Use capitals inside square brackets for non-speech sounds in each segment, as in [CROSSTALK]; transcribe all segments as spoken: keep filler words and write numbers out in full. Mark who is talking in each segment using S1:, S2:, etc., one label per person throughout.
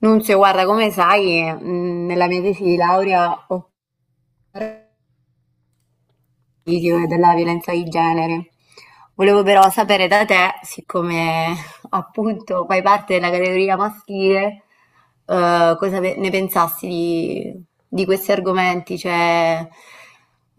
S1: Nunzio, guarda, come sai, mh, nella mia tesi di laurea ho video e della violenza di genere. Volevo però sapere da te, siccome [LAUGHS] appunto fai parte della categoria maschile, eh, cosa pe- ne pensassi di, di questi argomenti, cioè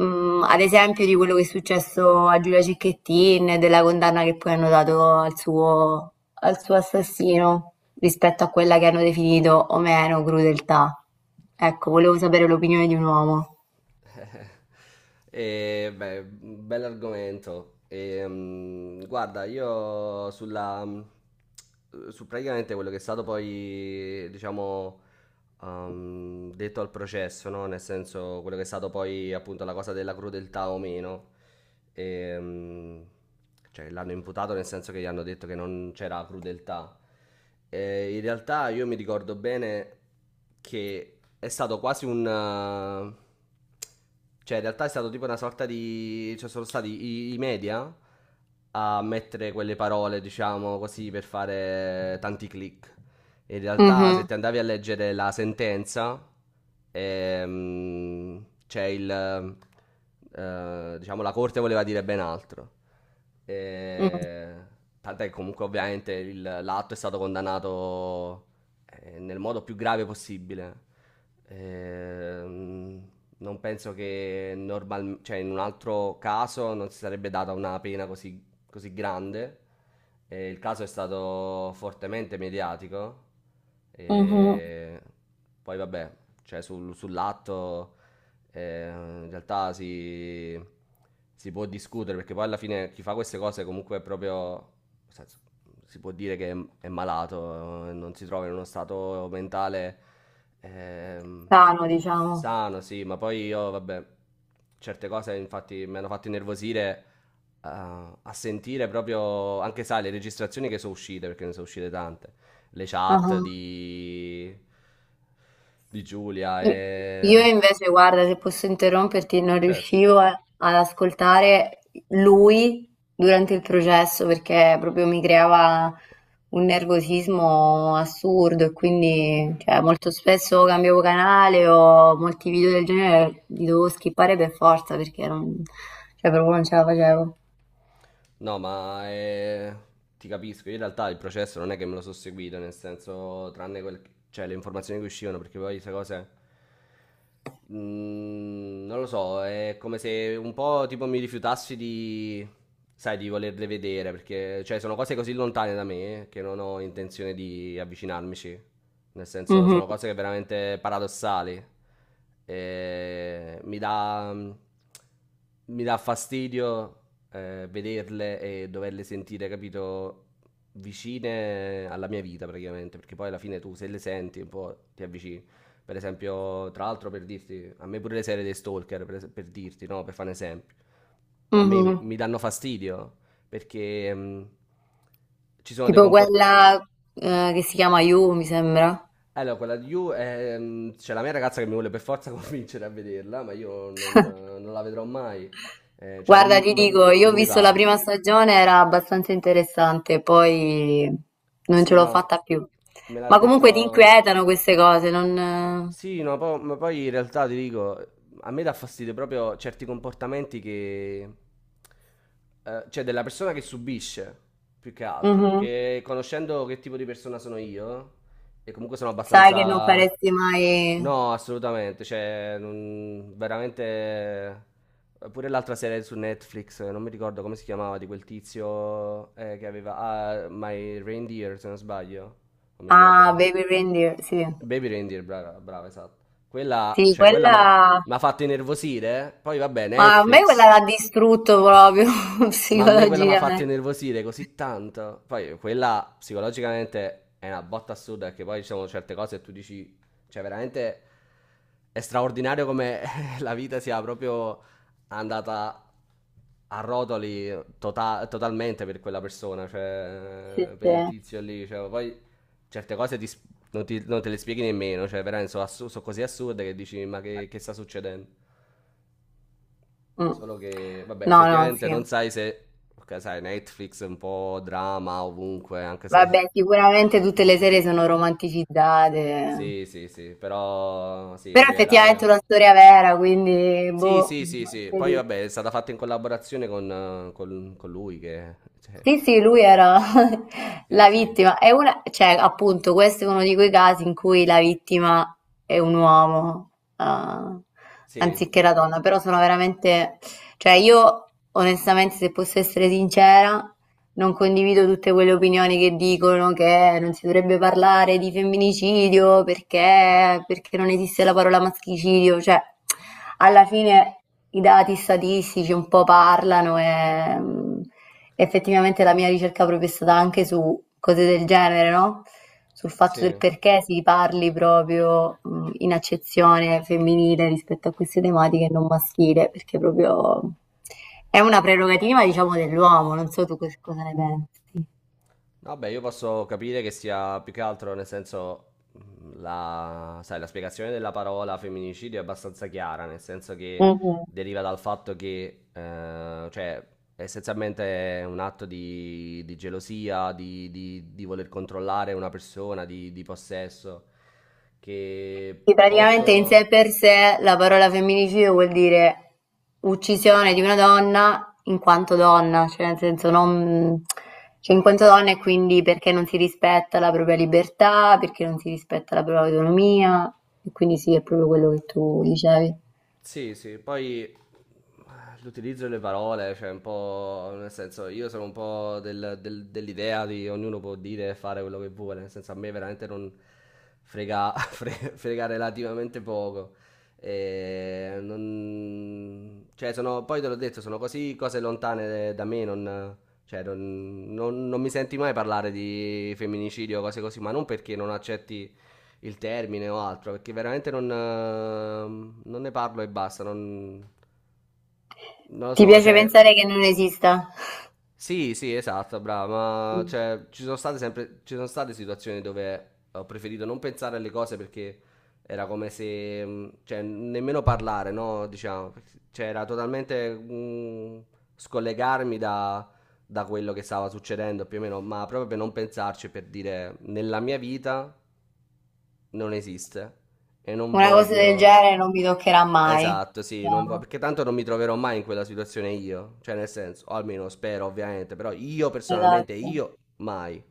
S1: mm, ad esempio di quello che è successo a Giulia Cecchettin, e della condanna che poi hanno dato al suo, al suo assassino rispetto a quella che hanno definito o meno crudeltà. Ecco, volevo sapere l'opinione di un uomo.
S2: [LAUGHS] E, beh, bell'argomento. E, mm, guarda, io sulla, mm, su praticamente quello che è stato poi, diciamo, um, detto al processo, no? Nel senso, quello che è stato poi appunto la cosa della crudeltà o meno. E, mm, cioè, l'hanno imputato nel senso che gli hanno detto che non c'era crudeltà. E in realtà io mi ricordo bene che è stato quasi un... eh, cioè, in realtà è stato tipo una sorta di. Cioè, sono stati i, i media a mettere quelle parole, diciamo così, per fare tanti click. In realtà, se
S1: Mhm.
S2: ti andavi a leggere la sentenza, ehm, c'è il. Eh, diciamo, la corte voleva dire ben altro.
S1: Mm.
S2: Eh, tant'è che comunque, ovviamente, il- l'atto è stato condannato, eh, nel modo più grave possibile. Ehm, non penso che normal- cioè, in un altro caso non si sarebbe data una pena così così grande. E il caso è stato fortemente mediatico.
S1: Mhm.
S2: E poi vabbè, cioè sul- sull'atto, eh, in realtà si, si può discutere, perché poi alla fine chi fa queste cose comunque è proprio, nel senso, si può dire che è, è malato, eh, non si trova in uno stato mentale ehm,
S1: Lontano, diciamo.
S2: sano, sì, ma poi io vabbè, certe cose infatti mi hanno fatto innervosire a, a sentire proprio anche, sai, le registrazioni che sono uscite, perché ne sono uscite tante, le chat
S1: Ah-ah.
S2: di, di, Giulia
S1: I Io
S2: e...
S1: invece guarda, se posso interromperti, non
S2: Certo.
S1: riuscivo a ad ascoltare lui durante il processo perché proprio mi creava un nervosismo assurdo e quindi, cioè, molto spesso cambiavo canale o molti video del genere li dovevo skippare per forza perché non, cioè, proprio non ce la facevo.
S2: No, ma eh, ti capisco. Io in realtà il processo non è che me lo sono seguito, nel senso, tranne quel- cioè, le informazioni che uscivano, perché poi queste cose. Mm, non lo so, è come se un po' tipo mi rifiutassi di, sai, di volerle vedere, perché cioè, sono cose così lontane da me che non ho intenzione di avvicinarmici. Nel senso,
S1: Mh-mh.
S2: sono cose che veramente paradossali. E mi dà, mi dà fastidio eh, vederle e doverle sentire, capito, vicine alla mia vita praticamente, perché poi alla fine tu se le senti un po' ti avvicini. Per esempio, tra l'altro per dirti, a me pure le serie dei stalker, per, es- per dirti, no, per fare un esempio, a me mi
S1: Mh-mh.
S2: mi danno fastidio perché mh, ci sono dei
S1: Tipo
S2: comportamenti...
S1: quella, ehm, che si chiama You, mi sembra.
S2: Allora, quella di You, ehm, c'è la mia ragazza che mi vuole per forza [LAUGHS] convincere a vederla, ma io non, non la vedrò mai. Eh, cioè non
S1: Guarda,
S2: mi
S1: ti
S2: non-
S1: dico, io ho
S2: non mi
S1: visto la
S2: va.
S1: prima stagione, era abbastanza interessante, poi non
S2: Sì,
S1: ce l'ho
S2: no,
S1: fatta più.
S2: me l'ha
S1: Ma comunque ti
S2: detto,
S1: inquietano queste cose, non...
S2: sì, no, po- ma poi in realtà ti dico, a me dà fastidio proprio certi comportamenti che... eh, cioè della persona che subisce, più che altro,
S1: Mhm.
S2: perché conoscendo che tipo di persona sono io, e comunque sono
S1: Sai che non
S2: abbastanza...
S1: faresti mai...
S2: No, assolutamente, cioè, non- veramente... Pure l'altra serie su Netflix, non mi ricordo come si chiamava, di quel tizio eh, che aveva... Ah, My Reindeer, se non sbaglio, non mi ricordo.
S1: Ah, Baby Reindeer, sì.
S2: Baby Reindeer, brava, brava, esatto. Quella,
S1: Sì,
S2: cioè, quella
S1: quella...
S2: mi ha fatto innervosire. Poi, vabbè,
S1: Ma a me quella
S2: Netflix.
S1: l'ha distrutto proprio [LAUGHS]
S2: Ma a me quella mi ha fatto
S1: psicologicamente.
S2: innervosire così tanto. Poi quella psicologicamente è una botta assurda, perché poi ci sono certe cose e tu dici, cioè veramente è straordinario come [LAUGHS] la vita sia proprio andata a rotoli tota- totalmente per quella persona,
S1: Sì,
S2: cioè per
S1: sì.
S2: il tizio lì. Cioè, poi certe cose ti s- non, ti- non te le spieghi nemmeno, cioè veramente sono, assu- sono così assurde che dici ma che, che sta succedendo?
S1: Mm.
S2: Solo che, vabbè,
S1: No, no,
S2: effettivamente
S1: sì.
S2: non sai se... Ok, sai, Netflix è un po' drama ovunque, anche se...
S1: Vabbè, sicuramente tutte le serie
S2: [LAUGHS]
S1: sono romanticizzate.
S2: Sì, sì, sì, però sì, in
S1: Però effettivamente è
S2: generale...
S1: una storia vera, quindi
S2: Sì,
S1: boh,
S2: sì, sì, sì.
S1: anche
S2: Poi
S1: lì.
S2: vabbè, è stata fatta in collaborazione con, eh, con- con lui che... cioè,
S1: Sì, sì, lui era [LAUGHS]
S2: sì,
S1: la
S2: sì.
S1: vittima. È una, cioè, appunto, questo è uno di quei casi in cui la vittima è un uomo, eh,
S2: Sì,
S1: anziché la donna. Però sono veramente, cioè, io onestamente, se posso essere sincera, non condivido tutte quelle opinioni che dicono che non si dovrebbe parlare di femminicidio perché, perché non esiste la parola maschicidio, cioè alla fine i dati statistici un po' parlano e mh, effettivamente la mia ricerca proprio è stata anche su cose del genere, no? Sul fatto
S2: sì.
S1: del perché si parli proprio mh, in accezione femminile rispetto a queste tematiche e non maschile, perché proprio è una prerogativa, diciamo, dell'uomo, non so tu cos cosa ne pensi.
S2: Vabbè, io posso capire che sia più che altro, nel senso, mh, la, sai, la spiegazione della parola femminicidio è abbastanza chiara, nel senso che
S1: Mhm.
S2: deriva dal fatto che, eh, cioè, essenzialmente è un atto di, di gelosia, di, di- di voler controllare una persona, di, di possesso, che
S1: Sì, praticamente in sé
S2: posso...
S1: per sé la parola femminicidio vuol dire uccisione di una donna in quanto donna, cioè nel senso non, cioè in quanto donna e quindi perché non si rispetta la propria libertà, perché non si rispetta la propria autonomia, e quindi sì, è proprio quello che tu dicevi.
S2: Sì, sì, poi eh, l'utilizzo delle parole, cioè un po', nel senso, io sono un po' del- del- dell'idea di ognuno può dire e fare quello che vuole, nel senso a me veramente non frega, [LAUGHS] fre- frega relativamente poco. E non- cioè sono, poi te l'ho detto, sono così cose lontane da me, non, cioè non, non- non mi senti mai parlare di femminicidio o cose così, ma non perché non accetti il termine o altro, perché veramente non, eh, non ne parlo e basta, non, non lo
S1: Ti
S2: so,
S1: piace
S2: cioè,
S1: pensare che non esista?
S2: sì, sì, esatto, brava, ma
S1: Mm.
S2: cioè, ci sono state sempre, ci sono state situazioni dove ho preferito non pensare alle cose, perché era come se, mh, cioè, nemmeno parlare, no, diciamo, cioè, era totalmente mh, scollegarmi da, da quello che stava succedendo più o meno, ma proprio per non pensarci, per dire, nella mia vita non esiste e non
S1: Una cosa del
S2: voglio...
S1: genere non mi toccherà mai,
S2: Esatto, sì, non vo-
S1: diciamo.
S2: perché tanto non mi troverò mai in quella situazione io, cioè nel senso, o almeno spero ovviamente, però io personalmente,
S1: Esatto.
S2: io mai.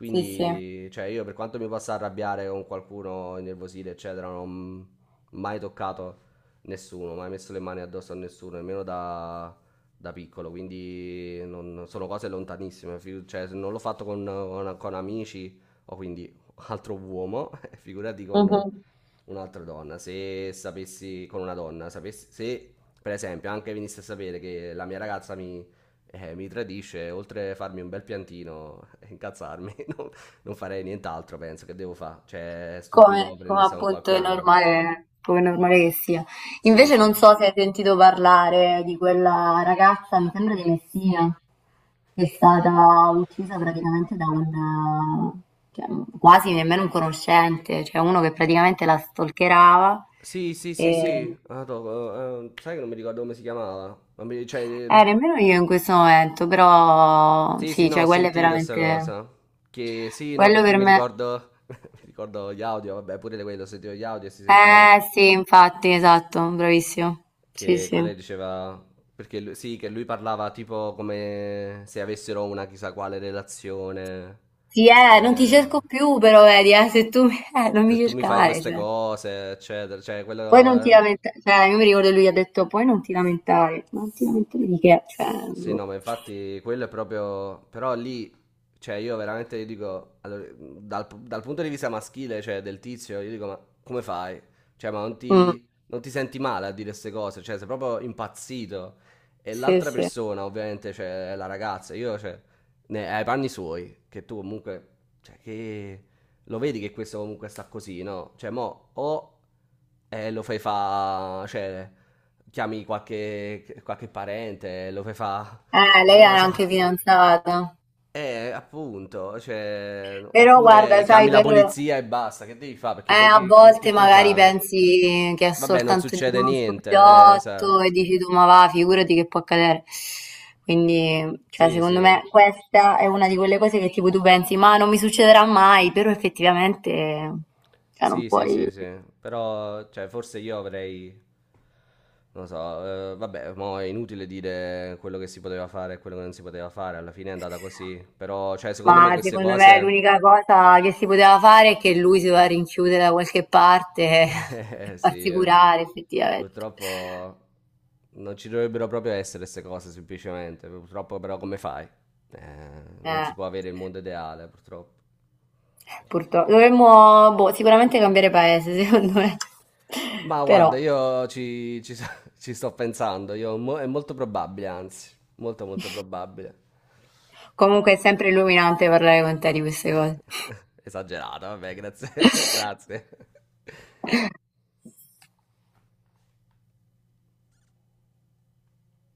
S1: Sì, sì.
S2: cioè io per quanto mi possa arrabbiare con qualcuno, innervosire, eccetera, non ho mai toccato nessuno, mai messo le mani addosso a nessuno, nemmeno da da piccolo, quindi non- sono cose lontanissime, fi- cioè se non l'ho fatto con, con- con amici o quindi altro uomo, [LAUGHS] figurati con
S1: Mhm.
S2: un'altra donna. Se sapessi con una donna, sapessi, se per esempio anche venisse a sapere che la mia ragazza mi, eh, mi tradisce, oltre a farmi un bel piantino e incazzarmi, [LAUGHS] non, non farei nient'altro, penso che devo fare. Cioè, è stupido
S1: Come, come
S2: prendersi con
S1: appunto
S2: qualcun
S1: è
S2: altro.
S1: normale, come è normale che sia.
S2: Sì,
S1: Invece
S2: sì.
S1: non so se hai sentito parlare di quella ragazza, mi sembra di Messina, che è stata uccisa praticamente da un, eh, cioè, quasi nemmeno un conoscente, cioè uno che praticamente la stalkerava
S2: Sì, sì, sì,
S1: e
S2: sì. Ah, to- eh, sai che non mi ricordo come si chiamava? Non mi- cioè,
S1: eh, nemmeno io in questo momento, però
S2: sì, sì,
S1: sì,
S2: no,
S1: cioè
S2: ho
S1: quello è
S2: sentito sta
S1: veramente,
S2: cosa. Che sì, no,
S1: quello
S2: perché
S1: per
S2: mi
S1: me,
S2: ricordo, [LAUGHS] mi ricordo gli audio, vabbè, pure di quello, sentivo gli audio e si sentiva là.
S1: eh sì, infatti, esatto, bravissimo, sì
S2: Che quella
S1: sì.
S2: diceva, perché lui- sì, che lui parlava tipo come se avessero una chissà quale relazione.
S1: Sì, eh, non ti
S2: eh,
S1: cerco più però, vedi, eh, se tu [LAUGHS] eh, non
S2: Se
S1: mi
S2: tu mi fai
S1: cercare,
S2: queste
S1: cioè.
S2: cose, eccetera, cioè
S1: Poi non ti
S2: quello...
S1: lamentare, cioè, io mi ricordo che lui ha detto, poi non ti lamentare, non ti lamentare di che, cioè,
S2: Sì, no,
S1: boh.
S2: ma infatti quello è proprio... Però lì, cioè io veramente io dico, allora, dal, dal punto di vista maschile, cioè del tizio, io dico, ma come fai? Cioè, ma non
S1: Mm,
S2: ti, non ti senti male a dire queste cose? Cioè, sei proprio impazzito. E
S1: sì,
S2: l'altra
S1: sì.
S2: persona, ovviamente, cioè, è la ragazza, io, cioè, ne, ai panni suoi, che tu comunque, cioè, che... Lo vedi che questo comunque sta così, no? Cioè, mo, o eh, lo fai fa... cioè chiami qualche qualche parente, lo fai fa,
S1: Eh,
S2: [LAUGHS] eh,
S1: lei
S2: non lo
S1: era
S2: so.
S1: anche
S2: [LAUGHS]
S1: fidanzata.
S2: Eh, appunto, cioè,
S1: Però guarda,
S2: oppure chiami
S1: sai,
S2: la
S1: per...
S2: polizia e basta, che devi fare? Perché
S1: Eh,
S2: poi
S1: a
S2: che, che- che
S1: volte
S2: puoi
S1: magari
S2: fare?
S1: pensi che è
S2: Vabbè, non
S1: soltanto di
S2: succede
S1: uno
S2: niente, eh,
S1: scopiotto
S2: esatto.
S1: e dici tu, ma va, figurati che può accadere. Quindi, cioè,
S2: Sì,
S1: secondo
S2: sì,
S1: me questa è una di quelle cose che tipo tu pensi, ma non mi succederà mai, però effettivamente, cioè, non
S2: sì, sì,
S1: puoi...
S2: sì, sì, però, cioè, forse io avrei, non lo so, eh, vabbè, mo è inutile dire quello che si poteva fare e quello che non si poteva fare, alla fine è andata così, però, cioè, secondo me
S1: Ma
S2: queste
S1: secondo me
S2: cose...
S1: l'unica cosa che si poteva fare è che lui si doveva rinchiudere da qualche parte [LAUGHS] e
S2: Eh, sì,
S1: farsi
S2: eh.
S1: curare, effettivamente.
S2: Purtroppo non ci dovrebbero proprio essere queste cose, semplicemente. Purtroppo però come fai? Eh, non
S1: Eh.
S2: si può avere il mondo ideale, purtroppo.
S1: Purtro dovremmo, boh, sicuramente cambiare paese, secondo me. [LAUGHS]
S2: Ma guarda,
S1: Però,
S2: io ci, ci so- [LAUGHS] ci sto pensando, io mo- è molto probabile, anzi, molto molto probabile.
S1: comunque è sempre illuminante parlare con te di queste cose.
S2: [LAUGHS] Esagerato, vabbè, grazie, [LAUGHS] grazie.